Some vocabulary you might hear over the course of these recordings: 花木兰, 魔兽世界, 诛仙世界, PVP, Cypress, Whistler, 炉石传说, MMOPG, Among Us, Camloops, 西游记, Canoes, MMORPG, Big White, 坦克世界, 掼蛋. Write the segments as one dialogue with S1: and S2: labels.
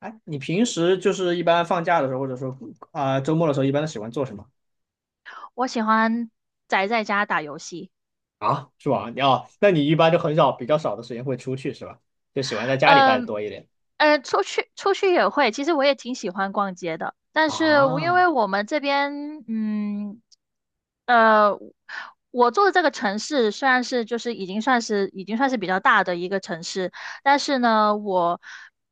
S1: 哎，你平时就是一般放假的时候，或者说啊、周末的时候，一般都喜欢做什么？
S2: 我喜欢宅在家打游戏。
S1: 啊，是吧？你，哦，那你一般就很少，比较少的时间会出去是吧？就喜欢在家里待的
S2: 嗯，
S1: 多一点
S2: 出去也会，其实我也挺喜欢逛街的。但是我因
S1: 啊。
S2: 为我们这边，呃，我住的这个城市虽然就是已经算是比较大的一个城市，但是呢，我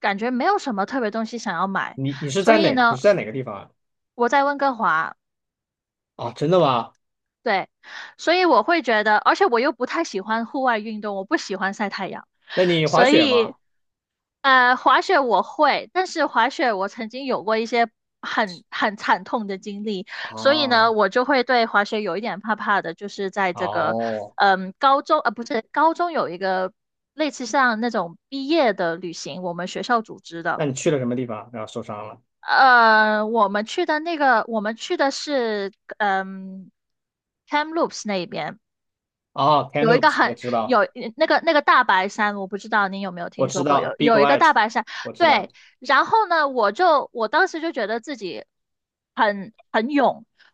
S2: 感觉没有什么特别东西想要买。
S1: 你是
S2: 所
S1: 在
S2: 以
S1: 哪？你
S2: 呢，
S1: 是在哪个地方啊？
S2: 我在温哥华。
S1: 啊，真的吗？
S2: 对，所以我会觉得，而且我又不太喜欢户外运动，我不喜欢晒太阳。
S1: 那你滑
S2: 所
S1: 雪
S2: 以
S1: 吗？
S2: 滑雪我会，但是滑雪我曾经有过一些很惨痛的经历，所以呢，
S1: 哦，
S2: 我就会对滑雪有一点怕怕的。就是在这个，
S1: 哦，
S2: 高中，不是，高中有一个类似像那种毕业的旅行，我们学校组织
S1: 那
S2: 的。
S1: 你去了什么地方？然后受伤了？
S2: 我们去的是，Kamloops 那边。
S1: 哦
S2: 有一个
S1: ，Canoes,我
S2: 很
S1: 知道，
S2: 有那个大白山，我不知道你有没有
S1: 我
S2: 听
S1: 知
S2: 说过，
S1: 道
S2: 有
S1: ，Big
S2: 有一个
S1: White,
S2: 大白山。
S1: 我知道。
S2: 对，然后呢，我当时就觉得自己，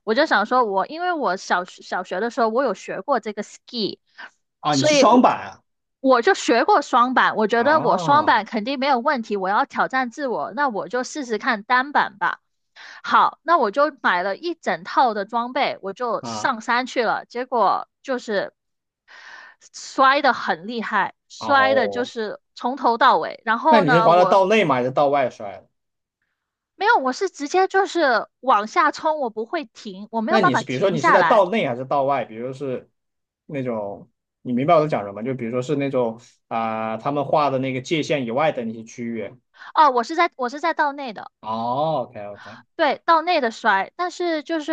S2: 我就想说因为我小学的时候我有学过这个 ski,
S1: 啊，你
S2: 所
S1: 是
S2: 以
S1: 双
S2: 我
S1: 板啊？
S2: 我就学过双板，我觉得我双
S1: 啊，
S2: 板肯定没有问题，我要挑战自我，那我就试试看单板吧。好，那我就买了一整套的装备，我就
S1: 啊，
S2: 上山去了。结果就是摔得很厉害，摔的就
S1: 哦，
S2: 是从头到尾。然
S1: 那
S2: 后
S1: 你是
S2: 呢，
S1: 滑到
S2: 我
S1: 道内吗？还是道外摔？
S2: 没有，我是直接就是往下冲，我不会停，我没
S1: 那
S2: 有办
S1: 你
S2: 法
S1: 是比如说
S2: 停
S1: 你是
S2: 下
S1: 在
S2: 来。
S1: 道内还是道外？比如是那种，你明白我在讲什么？就比如说是那种啊、他们画的那个界限以外的那些区域。
S2: 哦，我是在道内的。
S1: 哦OK OK
S2: 对，到内的摔，但是就是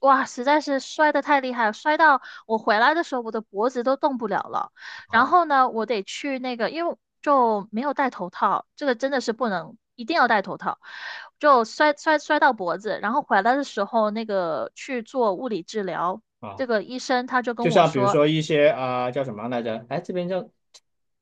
S2: 哇，实在是摔得太厉害了，摔到我回来的时候，我的脖子都动不了了。然
S1: 啊，
S2: 后呢，我得去那个，因为就没有戴头套，这个真的是不能，一定要戴头套。就摔到脖子，然后回来的时候，那个去做物理治疗，
S1: 啊，
S2: 这个医生他就跟
S1: 就
S2: 我
S1: 像比如
S2: 说。
S1: 说一些啊、叫什么来着？哎，这边叫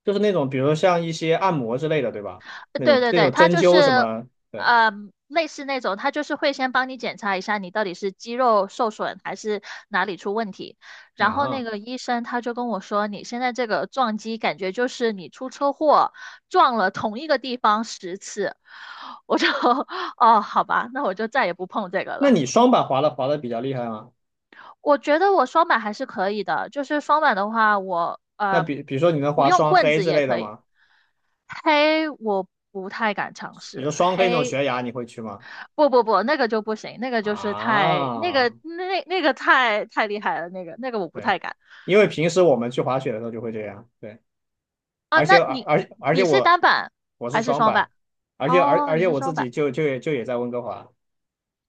S1: 就是那种比如说像一些按摩之类的，对吧？那
S2: 对
S1: 种
S2: 对
S1: 那
S2: 对，
S1: 种
S2: 它
S1: 针
S2: 就
S1: 灸什
S2: 是，
S1: 么对。
S2: 呃类似那种，它就是会先帮你检查一下你到底是肌肉受损还是哪里出问题。然后那
S1: 啊？
S2: 个医生他就跟我说，你现在这个撞击感觉就是你出车祸撞了同一个地方10次。我就 哦，好吧，那我就再也不碰这个
S1: 那
S2: 了。
S1: 你双板滑的比较厉害吗？
S2: 我觉得我双板还是可以的，就是双板的话，我
S1: 那比如说你能
S2: 不
S1: 滑
S2: 用
S1: 双
S2: 棍
S1: 黑
S2: 子
S1: 之
S2: 也
S1: 类的
S2: 可以。
S1: 吗？
S2: 黑我不太敢尝
S1: 比
S2: 试，
S1: 如说双黑那种
S2: 黑
S1: 悬崖，你会去吗？
S2: 不不不，那个就不行，那个就是太那
S1: 啊，
S2: 个那个太厉害了，那个我不
S1: 对，
S2: 太敢。
S1: 因为平时我们去滑雪的时候就会这样，对，
S2: 啊，
S1: 而且
S2: 那
S1: 而
S2: 你
S1: 而而且
S2: 你是
S1: 我
S2: 单板
S1: 我是
S2: 还是
S1: 双
S2: 双
S1: 板，
S2: 板？
S1: 而且而
S2: 哦，
S1: 而
S2: 你
S1: 且
S2: 是
S1: 我自
S2: 双
S1: 己
S2: 板。
S1: 就也在温哥华，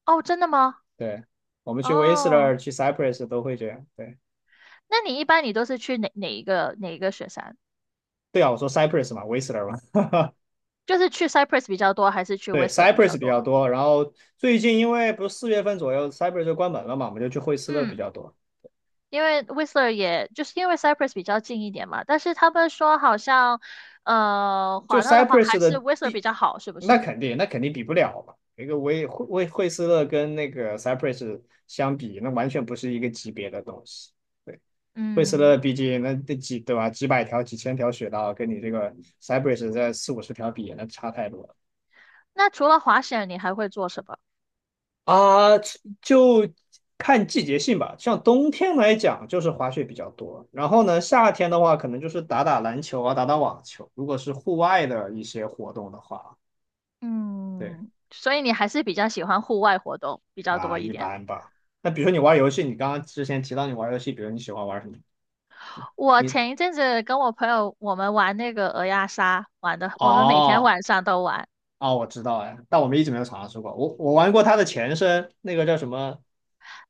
S2: 哦，真的吗？
S1: 对，我们去 w 斯
S2: 哦，
S1: 勒去 Cypress 都会这样，对，
S2: 那你一般你都是去哪一个雪山？
S1: 对啊，我说 Cypress 嘛， w 斯勒嘛，
S2: 就是去 Cypress 比较多，还是去
S1: 对，
S2: Whistler 比较
S1: Cypress 比较
S2: 多？
S1: 多，然后最近因为不是四月份左右 Cypress 就关门了嘛，我们就去惠斯勒比
S2: 嗯，
S1: 较多，
S2: 因为 Whistler 也就是因为 Cypress 比较近一点嘛，但是他们说好像
S1: 就
S2: 滑道的话
S1: Cypress
S2: 还是
S1: 的
S2: Whistler 比
S1: 地，
S2: 较好，是不
S1: 那
S2: 是？
S1: 肯定那肯定比不了嘛。一个威惠惠惠斯勒跟那个 Cypress 相比，那完全不是一个级别的东西。对，惠斯
S2: 嗯，
S1: 勒毕竟那几对吧，几百条、几千条雪道，跟你这个 Cypress 在四五十条比，那差太多了
S2: 那除了滑雪，你还会做什么？
S1: 啊。就看季节性吧，像冬天来讲就是滑雪比较多，然后呢，夏天的话可能就是打打篮球啊，打打网球。如果是户外的一些活动的话，对
S2: 嗯，所以你还是比较喜欢户外活动比较
S1: 啊，
S2: 多一
S1: 一
S2: 点。
S1: 般吧。那比如说你玩游戏，你刚刚之前提到你玩游戏，比如你喜欢玩什么？
S2: 我
S1: 你，
S2: 前一阵子跟我朋友我们玩那个鹅鸭杀，玩的我们每天
S1: 哦，
S2: 晚上都玩。
S1: 哦，我知道哎，但我们一直没有尝试过。我玩过它的前身，那个叫什么？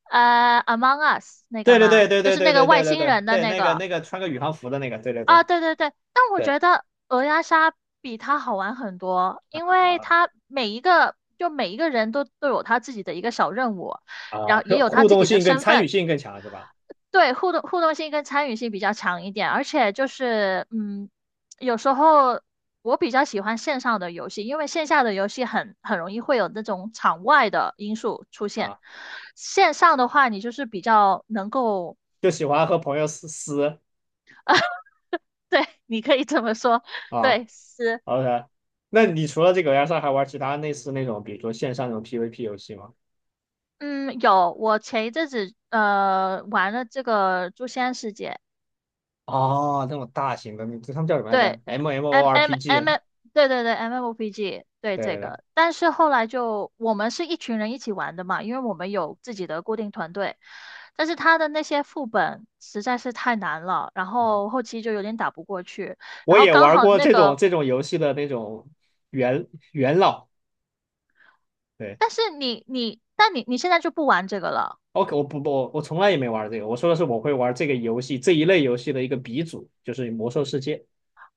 S2: Among Us 那
S1: 对，
S2: 个
S1: 对，对，
S2: 吗？
S1: 对，
S2: 就
S1: 对，
S2: 是
S1: 对，
S2: 那个
S1: 对，对，
S2: 外
S1: 对，
S2: 星
S1: 对，
S2: 人的
S1: 对，
S2: 那
S1: 那个
S2: 个。
S1: 那个穿个宇航服的那个，对，对，
S2: 啊，
S1: 对，
S2: 对对对。但我
S1: 对
S2: 觉得鹅鸭杀比它好玩很多，因为
S1: 啊，
S2: 它每一个人都有他自己的一个小任务，
S1: 啊，
S2: 然后也
S1: 是
S2: 有他
S1: 互
S2: 自
S1: 动
S2: 己的
S1: 性更
S2: 身
S1: 参与
S2: 份。
S1: 性更强是吧？
S2: 对，互动性跟参与性比较强一点，而且就是，有时候我比较喜欢线上的游戏，因为线下的游戏很容易会有那种场外的因素出现。
S1: 啊，
S2: 线上的话，你就是比较能够，
S1: 就喜欢和朋友撕撕。
S2: 对，你可以这么说。
S1: 啊
S2: 对，是，
S1: ，OK。那你除了这个 S 二还玩其他类似那种，比如说线上那种 PVP 游戏吗？
S2: 嗯，有，我前一阵子玩了这个《诛仙世界》。
S1: 哦，那种大型的，那他们叫什么来着
S2: 对，M M M，
S1: ？MMORPG。
S2: 对对对，MMOPG,对
S1: 对，
S2: 这
S1: 对，对，
S2: 个。但是后来就我们是一群人一起玩的嘛，因为我们有自己的固定团队。但是他的那些副本实在是太难了，然后后期就有点打不过去。然
S1: 我
S2: 后
S1: 也
S2: 刚
S1: 玩
S2: 好
S1: 过
S2: 那
S1: 这种
S2: 个，
S1: 这种游戏的那种元老。对。
S2: 但你现在就不玩这个了。
S1: OK,我不，我从来也没玩这个。我说的是我会玩这个游戏这一类游戏的一个鼻祖，就是《魔兽世界》。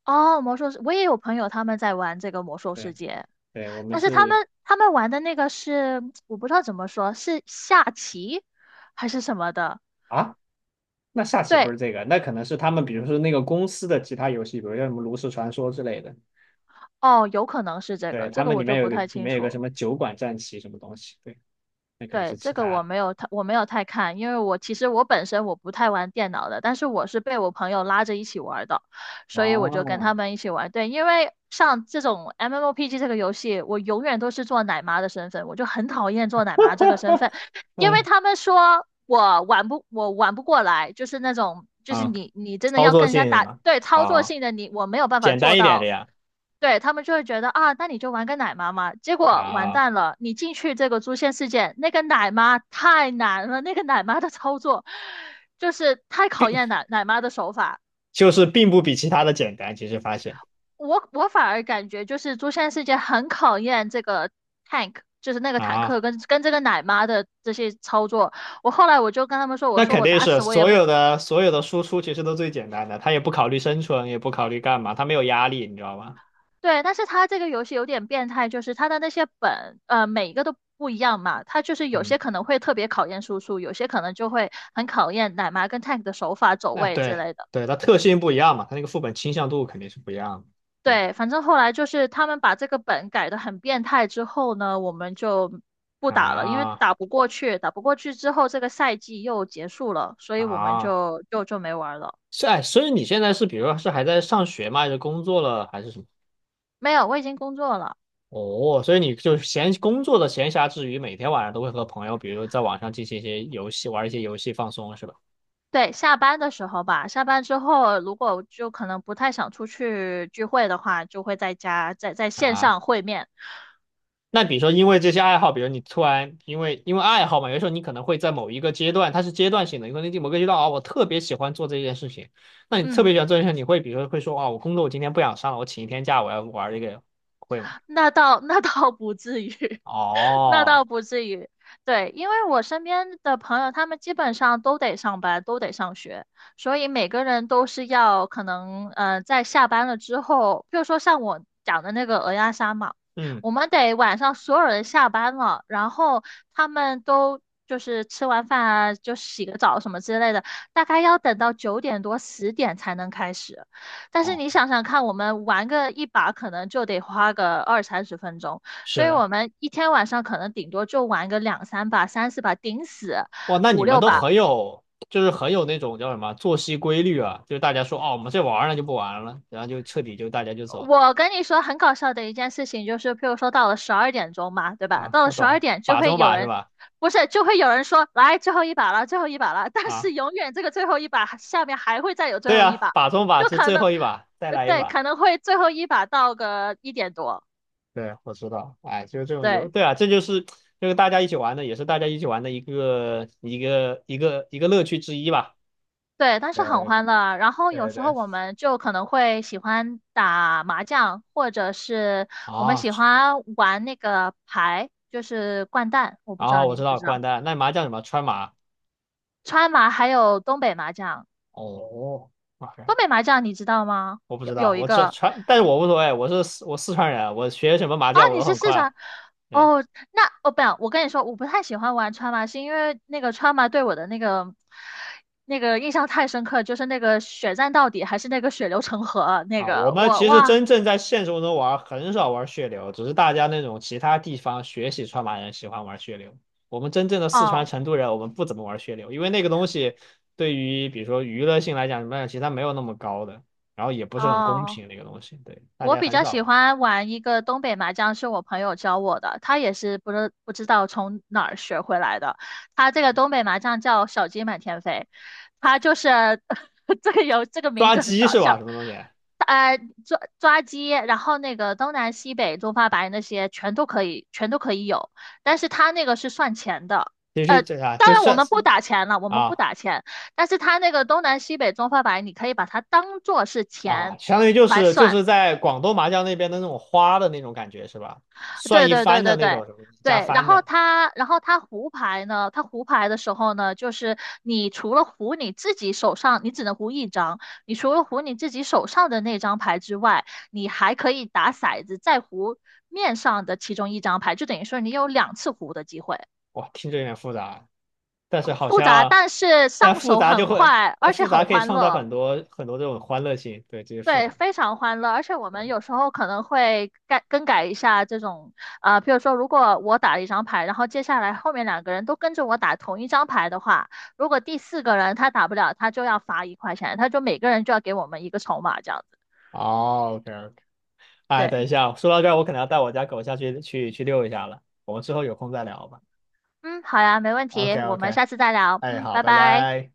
S2: 哦，魔兽世，我也有朋友他们在玩这个魔兽世
S1: 对，
S2: 界，
S1: 对，我们
S2: 但是他
S1: 是
S2: 们他们玩的那个是 我不知道怎么说，是下棋还是什么的。
S1: 啊，那下棋不
S2: 对。
S1: 是这个，那可能是他们，比如说那个公司的其他游戏，比如像什么炉石传说之类的。
S2: 哦，有可能是这
S1: 对，
S2: 个，这
S1: 他
S2: 个
S1: 们里
S2: 我就
S1: 面有
S2: 不
S1: 个
S2: 太
S1: 里
S2: 清
S1: 面有个什
S2: 楚。
S1: 么酒馆战棋什么东西，对，那可能是
S2: 对，这
S1: 其
S2: 个
S1: 他
S2: 我
S1: 的。
S2: 没有太我没有太看，因为我其实本身不太玩电脑的，但是我是被我朋友拉着一起玩的。所以我就跟
S1: 哦，
S2: 他们一起玩。对，因为像这种 MMOPG 这个游戏，我永远都是做奶妈的身份，我就很讨厌做奶妈这个身 份，因为
S1: 嗯，
S2: 他们说我玩不过来，就是那种就是
S1: 啊，
S2: 你真的
S1: 操
S2: 要
S1: 作
S2: 跟人家
S1: 性是
S2: 打，
S1: 吧？
S2: 对操作
S1: 啊，
S2: 性的我没有办法
S1: 简
S2: 做
S1: 单一点的
S2: 到。
S1: 呀。
S2: 对，他们就会觉得啊，那你就玩个奶妈嘛。结果完
S1: 啊，
S2: 蛋了，你进去这个诛仙世界，那个奶妈太难了，那个奶妈的操作就是太考验奶妈的手法。
S1: 就是并不比其他的简单，其实发现
S2: 我反而感觉就是《诛仙世界》很考验这个 tank,就是那个坦
S1: 啊。
S2: 克跟这个奶妈的这些操作。我后来就跟他们说，我
S1: 那
S2: 说
S1: 肯
S2: 我
S1: 定
S2: 打
S1: 是
S2: 死我也
S1: 所
S2: 不。
S1: 有的所有的输出其实都最简单的，他也不考虑生存，也不考虑干嘛，他没有压力，你知道吗？
S2: 对，但是他这个游戏有点变态，就是他的那些本，每一个都不一样嘛。他就是有
S1: 嗯，
S2: 些可能会特别考验输出，有些可能就会很考验奶妈跟 tank 的手法、走
S1: 那
S2: 位之
S1: 对，
S2: 类的。
S1: 对，他特性不一样嘛，他那个副本倾向度肯定是不一样的。对
S2: 对，反正后来就是他们把这个本改得很变态之后呢，我们就不打了，因为
S1: 啊，
S2: 打不过去，打不过去之后这个赛季又结束了，所以我们
S1: 啊，
S2: 就没玩了。
S1: 是哎，所以你现在是比如说是还在上学吗？还是工作了还是什么？
S2: 没有，我已经工作了。
S1: 哦，所以你就闲工作的闲暇之余，每天晚上都会和朋友，比如在网上进行一些游戏，玩一些游戏放松，是吧？
S2: 对，下班的时候吧，下班之后如果就可能不太想出去聚会的话，就会在家在线
S1: 啊，
S2: 上会面。
S1: 那比如说，因为这些爱好，比如你突然因为爱好嘛，有时候你可能会在某一个阶段，它是阶段性的，有可能某个阶段啊，我特别喜欢做这件事情，那你特
S2: 嗯。
S1: 别喜欢做这件事情，你会比如说会说啊，我工作我今天不想上了，我请一天假，我要玩这个，会吗？
S2: 那倒 那倒不至于，那
S1: 哦，
S2: 倒不至于。对，因为我身边的朋友，他们基本上都得上班，都得上学，所以每个人都是要可能，在下班了之后，比如说像我讲的那个鹅鸭杀嘛，
S1: 嗯，
S2: 我们得晚上所有人下班了，然后他们都就是吃完饭啊，就洗个澡什么之类的，大概要等到9点多10点才能开始。但是
S1: 哦，
S2: 你想想看，我们玩个一把可能就得花个二三十分钟，所
S1: 是
S2: 以
S1: 的，
S2: 我们一天晚上可能顶多就玩个两三把、三四把，顶死
S1: 哇，那你
S2: 五
S1: 们
S2: 六
S1: 都
S2: 把。
S1: 很有，就是很有那种叫什么作息规律啊，就是大家说哦，我们这玩儿了就不玩了，然后就彻底就大家就走了。
S2: 我跟你说，很搞笑的一件事情就是，譬如说到了12点钟嘛，对吧？
S1: 啊，
S2: 到了
S1: 我
S2: 十
S1: 懂
S2: 二
S1: 了，
S2: 点就
S1: 把
S2: 会
S1: 中
S2: 有
S1: 把是
S2: 人，
S1: 吧？
S2: 不是，就会有人说来最后一把了，最后一把了。但
S1: 啊，
S2: 是永远这个最后一把下面还会再有最
S1: 对
S2: 后一
S1: 呀，
S2: 把，
S1: 把中把
S2: 就
S1: 是
S2: 可
S1: 最
S2: 能，
S1: 后一把，再来一
S2: 对，
S1: 把。
S2: 可能会最后一把到个1点多。
S1: 对，我知道，哎，就是这种游，
S2: 对。
S1: 对啊，这就是这个大家一起玩的，也是大家一起玩的一个乐趣之一吧。
S2: 对，但是很
S1: 对，
S2: 欢乐。然后有
S1: 对，对，
S2: 时候
S1: 对，
S2: 我们就可能会喜欢打麻将，或者是我们
S1: 啊，
S2: 喜欢玩那个牌，就是掼蛋。我不知
S1: 啊，
S2: 道
S1: 我
S2: 你
S1: 知
S2: 知不
S1: 道
S2: 知道，
S1: 掼蛋，那麻将什么川麻？
S2: 川麻还有东北麻将。
S1: 哦，OK,
S2: 东北麻将你知道吗？
S1: 我不
S2: 有
S1: 知道，
S2: 有一
S1: 我这
S2: 个
S1: 川，但是我无所谓，我是四川人，我学什么麻
S2: 啊，
S1: 将我
S2: 你
S1: 都
S2: 是
S1: 很
S2: 四
S1: 快。
S2: 川
S1: 对。
S2: 哦？那哦不，我跟你说，我不太喜欢玩川麻，是因为那个川麻对我的那个印象太深刻，就是那个血战到底，还是那个血流成河那
S1: 啊，我
S2: 个
S1: 们
S2: 我
S1: 其实
S2: 哇
S1: 真正在现实中玩很少玩血流，只是大家那种其他地方学习川麻人喜欢玩血流。我们真正的四川
S2: 哦。
S1: 成都人，我们不怎么玩血流，因为那个东西对于比如说娱乐性来讲什么的其实它没有那么高的，然后也不是很公
S2: 哦，
S1: 平那个东西，对，大
S2: 我
S1: 家
S2: 比
S1: 很
S2: 较
S1: 少
S2: 喜
S1: 玩。
S2: 欢玩一个东北麻将，是我朋友教我的，他也是不知道从哪儿学回来的。他这个东北麻将叫小鸡满天飞，他就是 这个有这个名
S1: 抓
S2: 字很
S1: 鸡
S2: 搞
S1: 是吧？
S2: 笑，
S1: 什么东西？
S2: 呃，抓鸡，然后那个东南西北中发白那些全都可以，全都可以有，但是他那个是算钱的。
S1: 其实
S2: 呃。
S1: 这啥
S2: 当
S1: 就
S2: 然，
S1: 是
S2: 我们不打钱了，我们不
S1: 啊，
S2: 打钱。但是他那个东南西北中发白，你可以把它当做是
S1: 啊，
S2: 钱
S1: 相当于就
S2: 来
S1: 是就
S2: 算。
S1: 是在广东麻将那边的那种花的那种感觉是吧？算
S2: 对
S1: 一
S2: 对对
S1: 番的
S2: 对
S1: 那
S2: 对
S1: 种什么东西加
S2: 对，然
S1: 番
S2: 后
S1: 的，
S2: 它，然后它胡牌呢，它胡牌的时候呢，就是你除了胡你自己手上，你只能胡一张，你除了胡你自己手上的那张牌之外，你还可以打骰子再胡面上的其中一张牌，就等于说你有2次胡的机会。
S1: 哇，听着有点复杂。但是好
S2: 复杂，
S1: 像，
S2: 但是
S1: 但
S2: 上
S1: 复
S2: 手
S1: 杂就
S2: 很
S1: 会，
S2: 快，
S1: 但
S2: 而且
S1: 复杂
S2: 很
S1: 可以
S2: 欢
S1: 创造
S2: 乐。
S1: 很多很多这种欢乐性，对，这些复
S2: 对，
S1: 杂。
S2: 非常欢乐，而且我们有时候可能会改更改一下这种，比如说，如果我打了一张牌，然后接下来后面两个人都跟着我打同一张牌的话，如果第四个人他打不了，他就要罚1块钱，他就每个人就要给我们一个筹码这样子。
S1: 哦OK OK。哎，
S2: 对，
S1: 等一下，说到这儿，我可能要带我家狗下去遛一下了，我们之后有空再聊吧。
S2: 嗯，好呀，没问
S1: OK
S2: 题，我们
S1: OK，
S2: 下次再聊，
S1: 哎，
S2: 嗯，
S1: 好，
S2: 拜
S1: 拜
S2: 拜。
S1: 拜。